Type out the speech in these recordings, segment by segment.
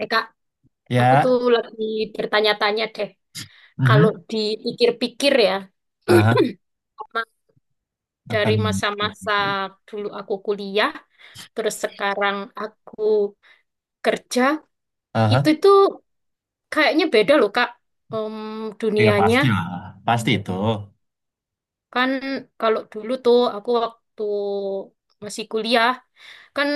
Eh Kak, aku tuh Ya, lagi bertanya-tanya deh. Kalau Mhm. dipikir-pikir ya, Aha, ma- apa dari nih? masa-masa dulu aku kuliah, terus sekarang aku kerja, itu Aha, tuh kayaknya beda loh Kak, Em, ya dunianya. pasti lah, pasti itu. Kan kalau dulu tuh aku waktu masih kuliah, kan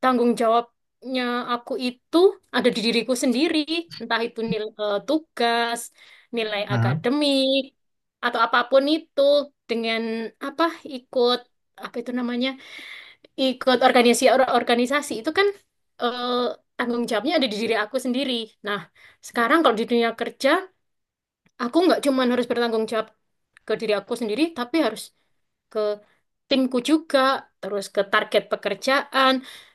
tanggung jawabnya aku itu ada di diriku sendiri, entah itu nilai tugas, nilai Nah, akademik, atau apapun itu dengan apa ikut apa itu namanya ikut organisasi organisasi itu kan, eh, tanggung jawabnya ada di diri aku sendiri. Nah, sekarang kalau di dunia kerja, aku nggak cuma harus bertanggung jawab ke diri aku sendiri, tapi harus timku juga, terus ke target pekerjaan,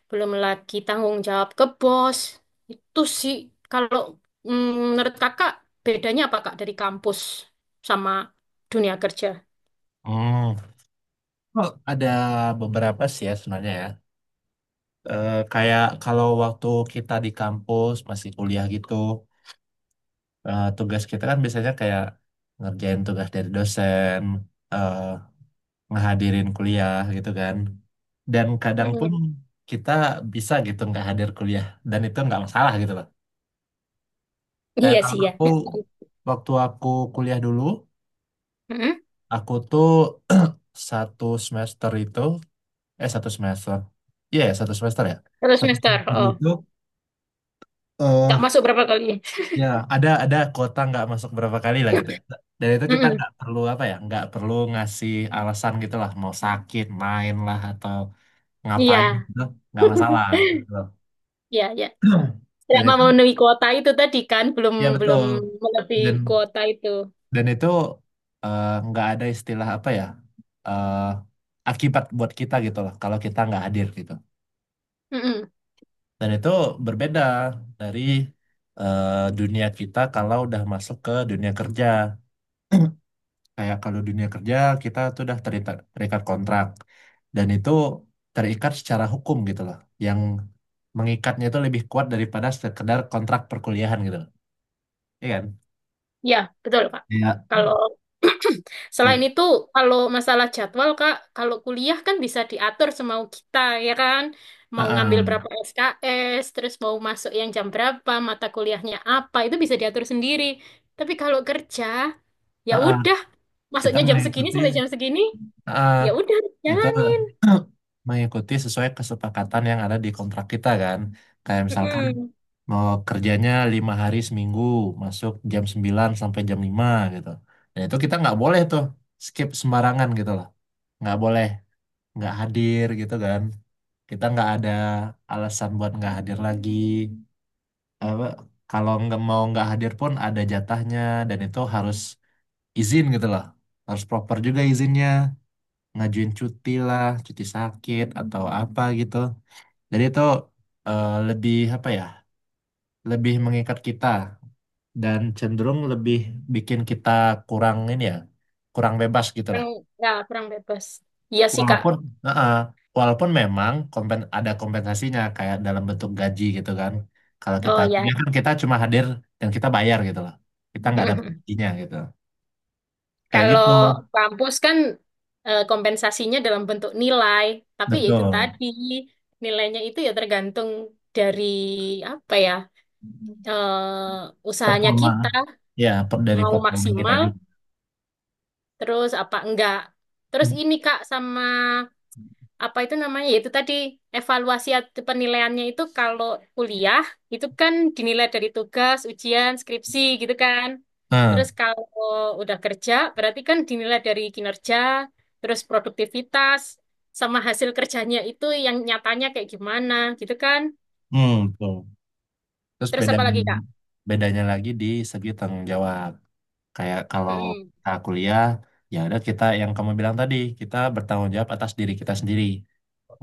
belum lagi tanggung jawab ke bos. Itu sih, kalau mm, menurut kakak, bedanya apa Kak dari kampus sama dunia kerja? Hmm. Oh, ada beberapa sih ya sebenarnya ya. Kayak kalau waktu kita di kampus masih kuliah gitu, tugas kita kan biasanya kayak ngerjain tugas dari dosen, eh, ngehadirin kuliah gitu kan. Dan kadang pun Mm-mm. kita bisa gitu nggak hadir kuliah dan itu nggak masalah gitu loh. Kayak Iya kalau sih ya. Waktu aku kuliah dulu. Mm-mm. Aku tuh satu semester itu, satu semester, iya ya, Terus satu semester, semester oh, itu, nggak eh masuk berapa kali? ya ada kuota nggak masuk berapa kali lah gitu. Ya. Dan itu kita Mm-mm. nggak perlu apa ya, nggak perlu ngasih alasan gitu lah, mau sakit, main lah atau Iya, ngapain gitu, nggak masalah. Gitu. iya, iya. Dan Selama itu, memenuhi kuota itu tadi kan, belum ya belum betul. melebihi Dan kuota itu. dan itu nggak ada istilah apa ya, eh, akibat buat kita gitu lah, kalau kita nggak hadir gitu. Mm-mm. Dan itu berbeda dari eh, dunia kita kalau udah masuk ke dunia kerja. Kayak kalau dunia kerja kita tuh udah terikat kontrak dan itu terikat secara hukum gitu loh. Yang mengikatnya itu lebih kuat daripada sekedar kontrak perkuliahan gitu loh. Iya kan? Ya, betul, Kak. Iya. Kalau selain Kayak, itu, kalau masalah jadwal, Kak, kalau kuliah kan bisa diatur semau kita, ya kan? Mau ngambil ah, berapa SKS, terus mau masuk yang jam berapa, mata kuliahnya apa, itu bisa diatur sendiri. Tapi kalau kerja, ya ah, ah, ah. udah, Kita masuknya jam segini mengikuti, sampai jam segini, ah, ah. ya udah Itu jalanin. mengikuti sesuai kesepakatan yang ada di kontrak kita kan. Kayak misalkan Mm-mm. mau kerjanya 5 hari seminggu, masuk jam 9 sampai jam 5 gitu. Dan itu kita nggak boleh tuh skip sembarangan gitu lah. Nggak boleh, nggak hadir gitu kan. Kita nggak ada alasan buat nggak hadir lagi. Apa, kalau nggak mau nggak hadir pun ada jatahnya dan itu harus izin gitu lah. Harus proper juga izinnya ngajuin cuti lah, cuti sakit atau apa gitu. Jadi itu lebih apa ya, lebih mengikat kita dan cenderung lebih bikin kita kurang ini ya, kurang bebas gitu lah. Kurang, ya, kurang bebas. Iya sih, Kak. Walaupun, Heeh. Walaupun memang ada kompensasinya kayak dalam bentuk gaji gitu kan. Kalau kita Oh ya. kuliah kan kita cuma hadir dan kita bayar gitu loh. Kita nggak dapat gajinya gitu. Kayak Kalau gitu, kampus kan kompensasinya dalam bentuk nilai, tapi ya itu betul. tadi nilainya itu ya tergantung dari apa ya, usahanya Performa, kita dari mau performa kita maksimal juga. terus apa enggak. Terus ini Kak sama apa itu namanya? Yaitu tadi evaluasi atau penilaiannya itu kalau kuliah itu kan dinilai dari tugas, ujian, skripsi gitu kan. Terus Nah, kalau udah kerja berarti kan dinilai dari kinerja, terus produktivitas sama hasil kerjanya itu yang nyatanya kayak gimana gitu kan. Betul. Terus Terus apa lagi, Kak? bedanya lagi di segi tanggung jawab. Kayak kalau Mm-mm, kita kuliah, ya udah kita yang kamu bilang tadi, kita bertanggung jawab atas diri kita sendiri.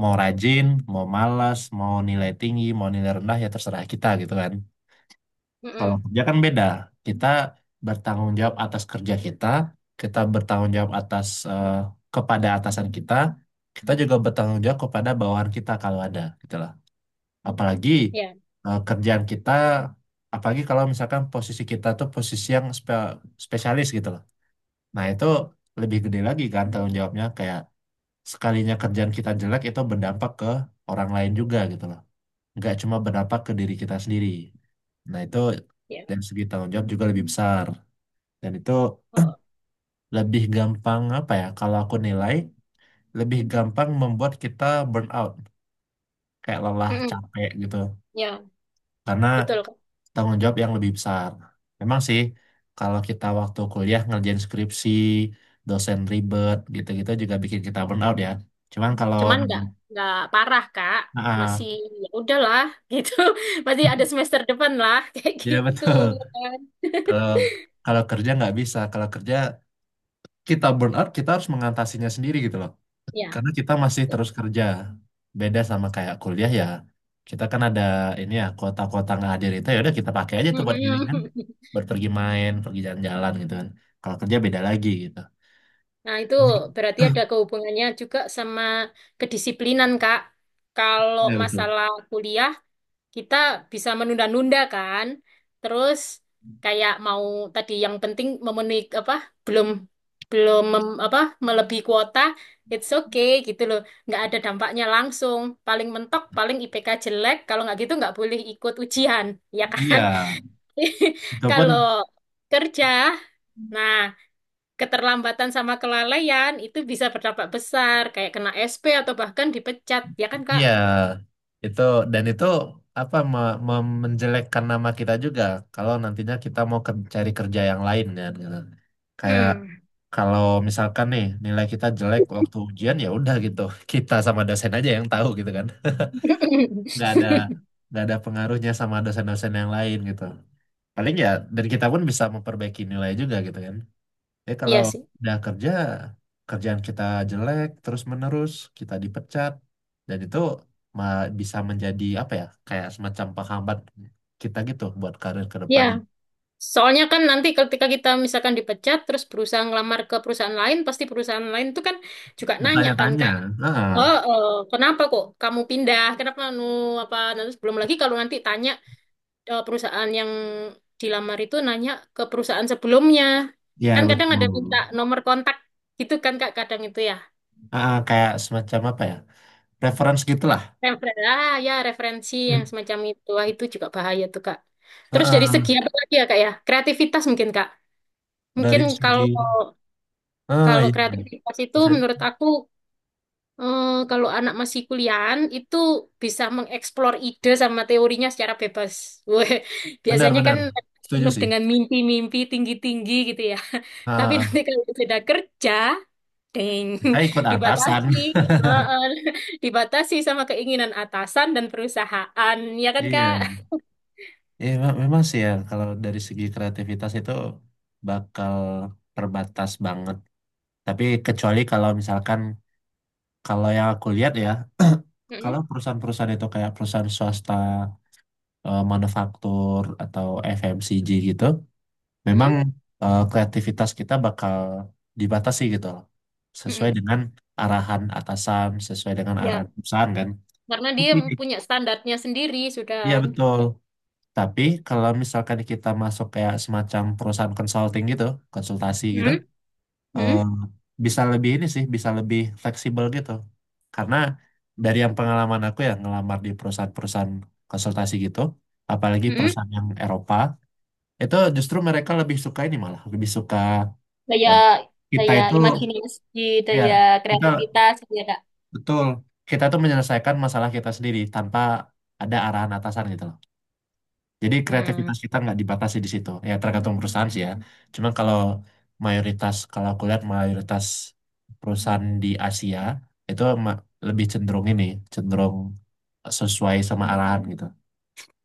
Mau rajin, mau malas, mau nilai tinggi, mau nilai rendah, ya terserah kita gitu kan. Kalau mm-mm, kerja kan beda. Kita bertanggung jawab atas kerja kita, kita bertanggung jawab atas, kepada atasan kita, kita juga bertanggung jawab kepada bawahan kita kalau ada gitu. Apalagi ya, kerjaan kita, apalagi kalau misalkan posisi kita tuh posisi yang spesialis gitu loh. Nah itu lebih gede lagi kan tanggung jawabnya, kayak sekalinya kerjaan kita jelek itu berdampak ke orang lain juga gitu loh. Nggak cuma berdampak ke diri kita sendiri. Nah itu ya. dari segi tanggung jawab juga lebih besar. Dan itu Oh, lebih gampang apa ya, kalau aku nilai, lebih gampang membuat kita burn out. Kayak lelah, mm-mm, capek gitu. ya, Karena betul. tanggung jawab yang lebih besar. Memang sih, kalau kita waktu kuliah ngerjain skripsi, dosen ribet, gitu-gitu juga bikin kita burn out ya. Cuman kalau Cuman nggak parah Kak, ah, masih ya udahlah gitu. Masih ada semester depan lah. Kayak ya gitu betul. ya kan Kalau kalau kerja nggak bisa. Kalau kerja kita burn out, kita harus mengatasinya sendiri gitu loh. ya. Karena kita masih terus kerja. Beda sama kayak kuliah ya. Kita kan ada ini ya, kuota-kuota nggak hadir itu ya udah kita pakai aja tuh buat healing kan. Buat pergi main, pergi jalan-jalan gitu kan. Kalau kerja beda lagi Nah itu gitu. berarti ada kehubungannya juga sama kedisiplinan Kak, kalau Iya betul. masalah kuliah kita bisa menunda-nunda kan. Terus kayak mau tadi yang penting memenuhi apa, belum belum apa melebihi kuota, it's okay gitu loh. Nggak ada dampaknya langsung. Paling mentok, paling IPK jelek. Kalau nggak gitu nggak boleh ikut ujian, ya Iya, kan? itu pun Kalau kerja, nah, keterlambatan sama kelalaian itu bisa berdampak besar, kayak kena SP atau bahkan dipecat, ya kan Kak? iya itu dan itu apa menjelekkan nama kita juga kalau nantinya kita mau cari kerja yang lain ya. Gitu. Kayak Mm. kalau misalkan nih, nilai kita jelek waktu ujian ya udah gitu. Kita sama dosen aja yang tahu gitu kan. Nggak ada nggak ada pengaruhnya sama dosen-dosen yang lain gitu. Paling ya, dan kita pun bisa memperbaiki nilai juga gitu kan. Kalau Iya sih. udah kerja, kerjaan kita jelek terus-menerus, kita dipecat, dan itu bisa menjadi apa ya, kayak semacam penghambat kita gitu buat karir ke Ya, depannya. soalnya kan nanti ketika kita misalkan dipecat terus berusaha ngelamar ke perusahaan lain, pasti perusahaan lain itu kan juga nanya kan Kak, Bertanya-tanya, ah, oh, oh, kenapa kok kamu pindah? Kenapa apa? Nanti belum lagi kalau nanti tanya, perusahaan yang dilamar itu nanya ke perusahaan sebelumnya, ya kan kadang ada minta betul, nomor kontak gitu kan Kak, kadang itu ya. ah, kayak semacam apa ya, reference gitulah. Referensi, ah, ya referensi Hmm. yang semacam itu, wah, itu juga bahaya tuh Kak. Terus dari segi Heeh, apa lagi ya Kak ya? Kreativitas mungkin Kak. Mungkin dari kalau segi, ah Kalau iya, iya. kreativitas itu bisa menurut aku, kalau anak masih kuliahan itu bisa mengeksplor ide sama teorinya secara bebas. Weh, biasanya kan Benar-benar setuju penuh sih. dengan mimpi-mimpi tinggi-tinggi gitu ya. Tapi Ah, nanti kalau sudah kerja, deng, kita ikut atasan, dibatasi. Heeh, dibatasi sama keinginan atasan dan perusahaan, ya kan Kak? iya. Ya, memang sih ya kalau dari segi kreativitas itu bakal terbatas banget. Tapi kecuali kalau misalkan, kalau yang aku lihat ya, kalau Mm-mm, perusahaan-perusahaan itu kayak perusahaan swasta, manufaktur atau FMCG gitu, memang mm-mm, kreativitas kita bakal dibatasi gitu loh. Sesuai mm-mm. dengan arahan atasan, sesuai dengan arahan Ya, perusahaan kan. karena dia Tapi, punya standarnya sendiri sudah. iya betul. Tapi kalau misalkan kita masuk kayak semacam perusahaan consulting gitu, konsultasi gitu, Hmm, eh, hmm, bisa lebih ini sih, bisa lebih fleksibel gitu. Karena dari yang pengalaman aku ya, ngelamar di perusahaan-perusahaan konsultasi gitu, apalagi hmm. perusahaan yang Eropa, itu justru mereka lebih suka ini malah, lebih suka daya eh, kita daya itu, imajinasi, daya ya kita, kreativitas gitu ya, Kak. betul, kita tuh menyelesaikan masalah kita sendiri tanpa ada arahan atasan gitu loh. Jadi Hmm. kreativitas kita nggak dibatasi di situ. Ya tergantung perusahaan sih ya. Cuman kalau mayoritas, kalau aku lihat mayoritas perusahaan di Asia itu lebih cenderung ini, cenderung sesuai sama arahan gitu.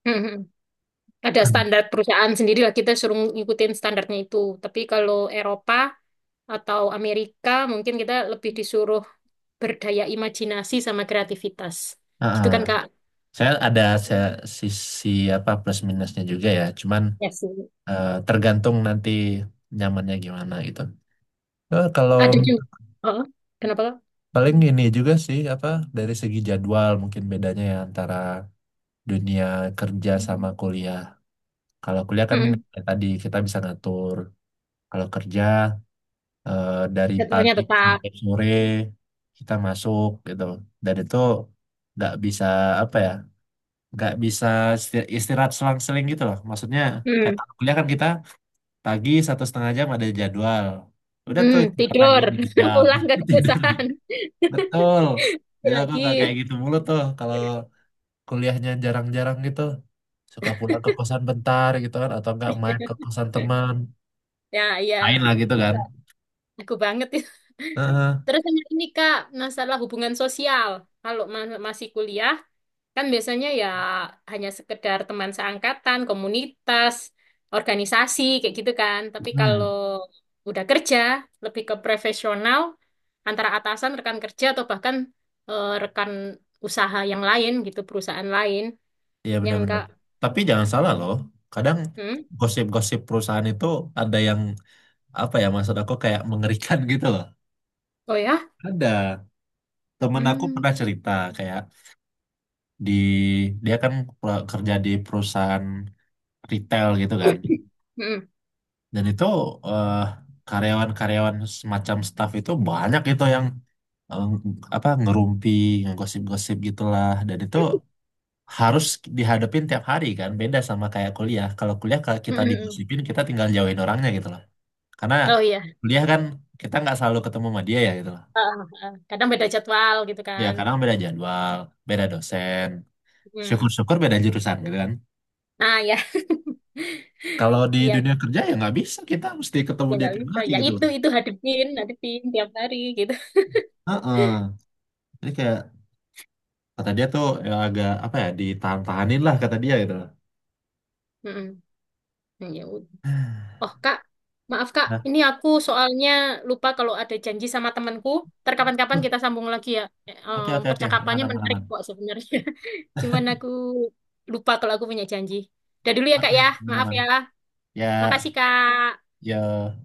Hmm. Ada standar perusahaan sendiri lah, kita suruh ngikutin standarnya itu. Tapi kalau Eropa atau Amerika mungkin kita lebih disuruh berdaya imajinasi sama kreativitas. Heeh. Gitu kan Kak? Saya ada saya, sisi apa plus minusnya juga ya. Cuman Ya sih. Tergantung nanti nyamannya gimana gitu. Kalau Ada juga. Oh, kenapa Kak? paling ini juga sih apa, dari segi jadwal mungkin bedanya ya antara dunia kerja sama kuliah. Kalau kuliah kan Hmm. Hmm. kayak tadi kita bisa ngatur. Kalau kerja dari Jadwalnya pagi tetap. sampai sore kita masuk gitu. Dan itu nggak bisa apa ya, nggak bisa istirahat selang-seling gitu loh. Maksudnya kayak Hmm. kalau kuliah kan kita pagi 1,5 jam ada jadwal. Udah tuh Hmm. istirahat lagi Tidur, dua jam pulang ke tidur lagi. perusahaan. Betul. Jadi aku nggak kayak Lagi. gitu mulu tuh kalau kuliahnya jarang-jarang gitu. Suka pulang ke kosan bentar gitu kan atau nggak main ke kosan teman. Ya, iya. Main lah gitu kan. Iya, aku banget. Heeh. Terus sama ini Kak, masalah hubungan sosial. Kalau masih kuliah, kan biasanya ya hanya sekedar teman seangkatan, komunitas, organisasi, kayak gitu kan. Tapi kalau Hmm, udah kerja, lebih ke profesional, antara atasan, rekan kerja, atau bahkan, rekan usaha yang lain gitu, perusahaan lain. iya Jangan benar-benar. Kak. Tapi jangan salah loh, kadang Hmm? gosip-gosip perusahaan itu ada yang apa ya, maksud aku kayak mengerikan gitu loh. Oh ya? Ada temen aku Hmm. pernah cerita kayak, di, dia kan kerja di perusahaan retail gitu Hmm. kan, Hmm. dan itu eh, karyawan-karyawan semacam staff itu banyak gitu yang eh, apa ngerumpi, ngegosip-gosip gitulah, dan itu harus dihadapin tiap hari kan, beda sama kayak kuliah. Kalau kuliah, kalau Hmm, kita hmm. digosipin, kita tinggal jauhin orangnya gitu loh, karena Oh iya. kuliah kan kita nggak selalu ketemu sama dia ya gitu loh. Ah, ah, ah. Kadang beda jadwal gitu Ya kan. kadang beda jadwal, beda dosen, Hmm. syukur-syukur beda jurusan gitu kan. Nah ya. Kalau di Iya, dunia kerja ya nggak bisa, kita mesti ketemu ya dia nggak tiap bisa hari ya, gitu itu loh. itu hadepin hadepin tiap hari gitu. Heeh. Jadi kayak kata dia tuh ya agak apa ya, ditahan-tahanin lah kata dia gitu loh. Mm-mm. Hmm, ya udah. Oh Kak, maaf Kak, Nah. ini aku soalnya lupa kalau ada janji sama temanku. Ntar kapan-kapan Loh, kita sambung lagi ya. Eh, oke, oke, oke, aman, percakapannya aman, menarik aman. kok sebenarnya. Cuman aku lupa kalau aku punya janji. Udah dulu ya Kak Oke, ya, aman, maaf aman, ya. ya, Makasih Kak. ya.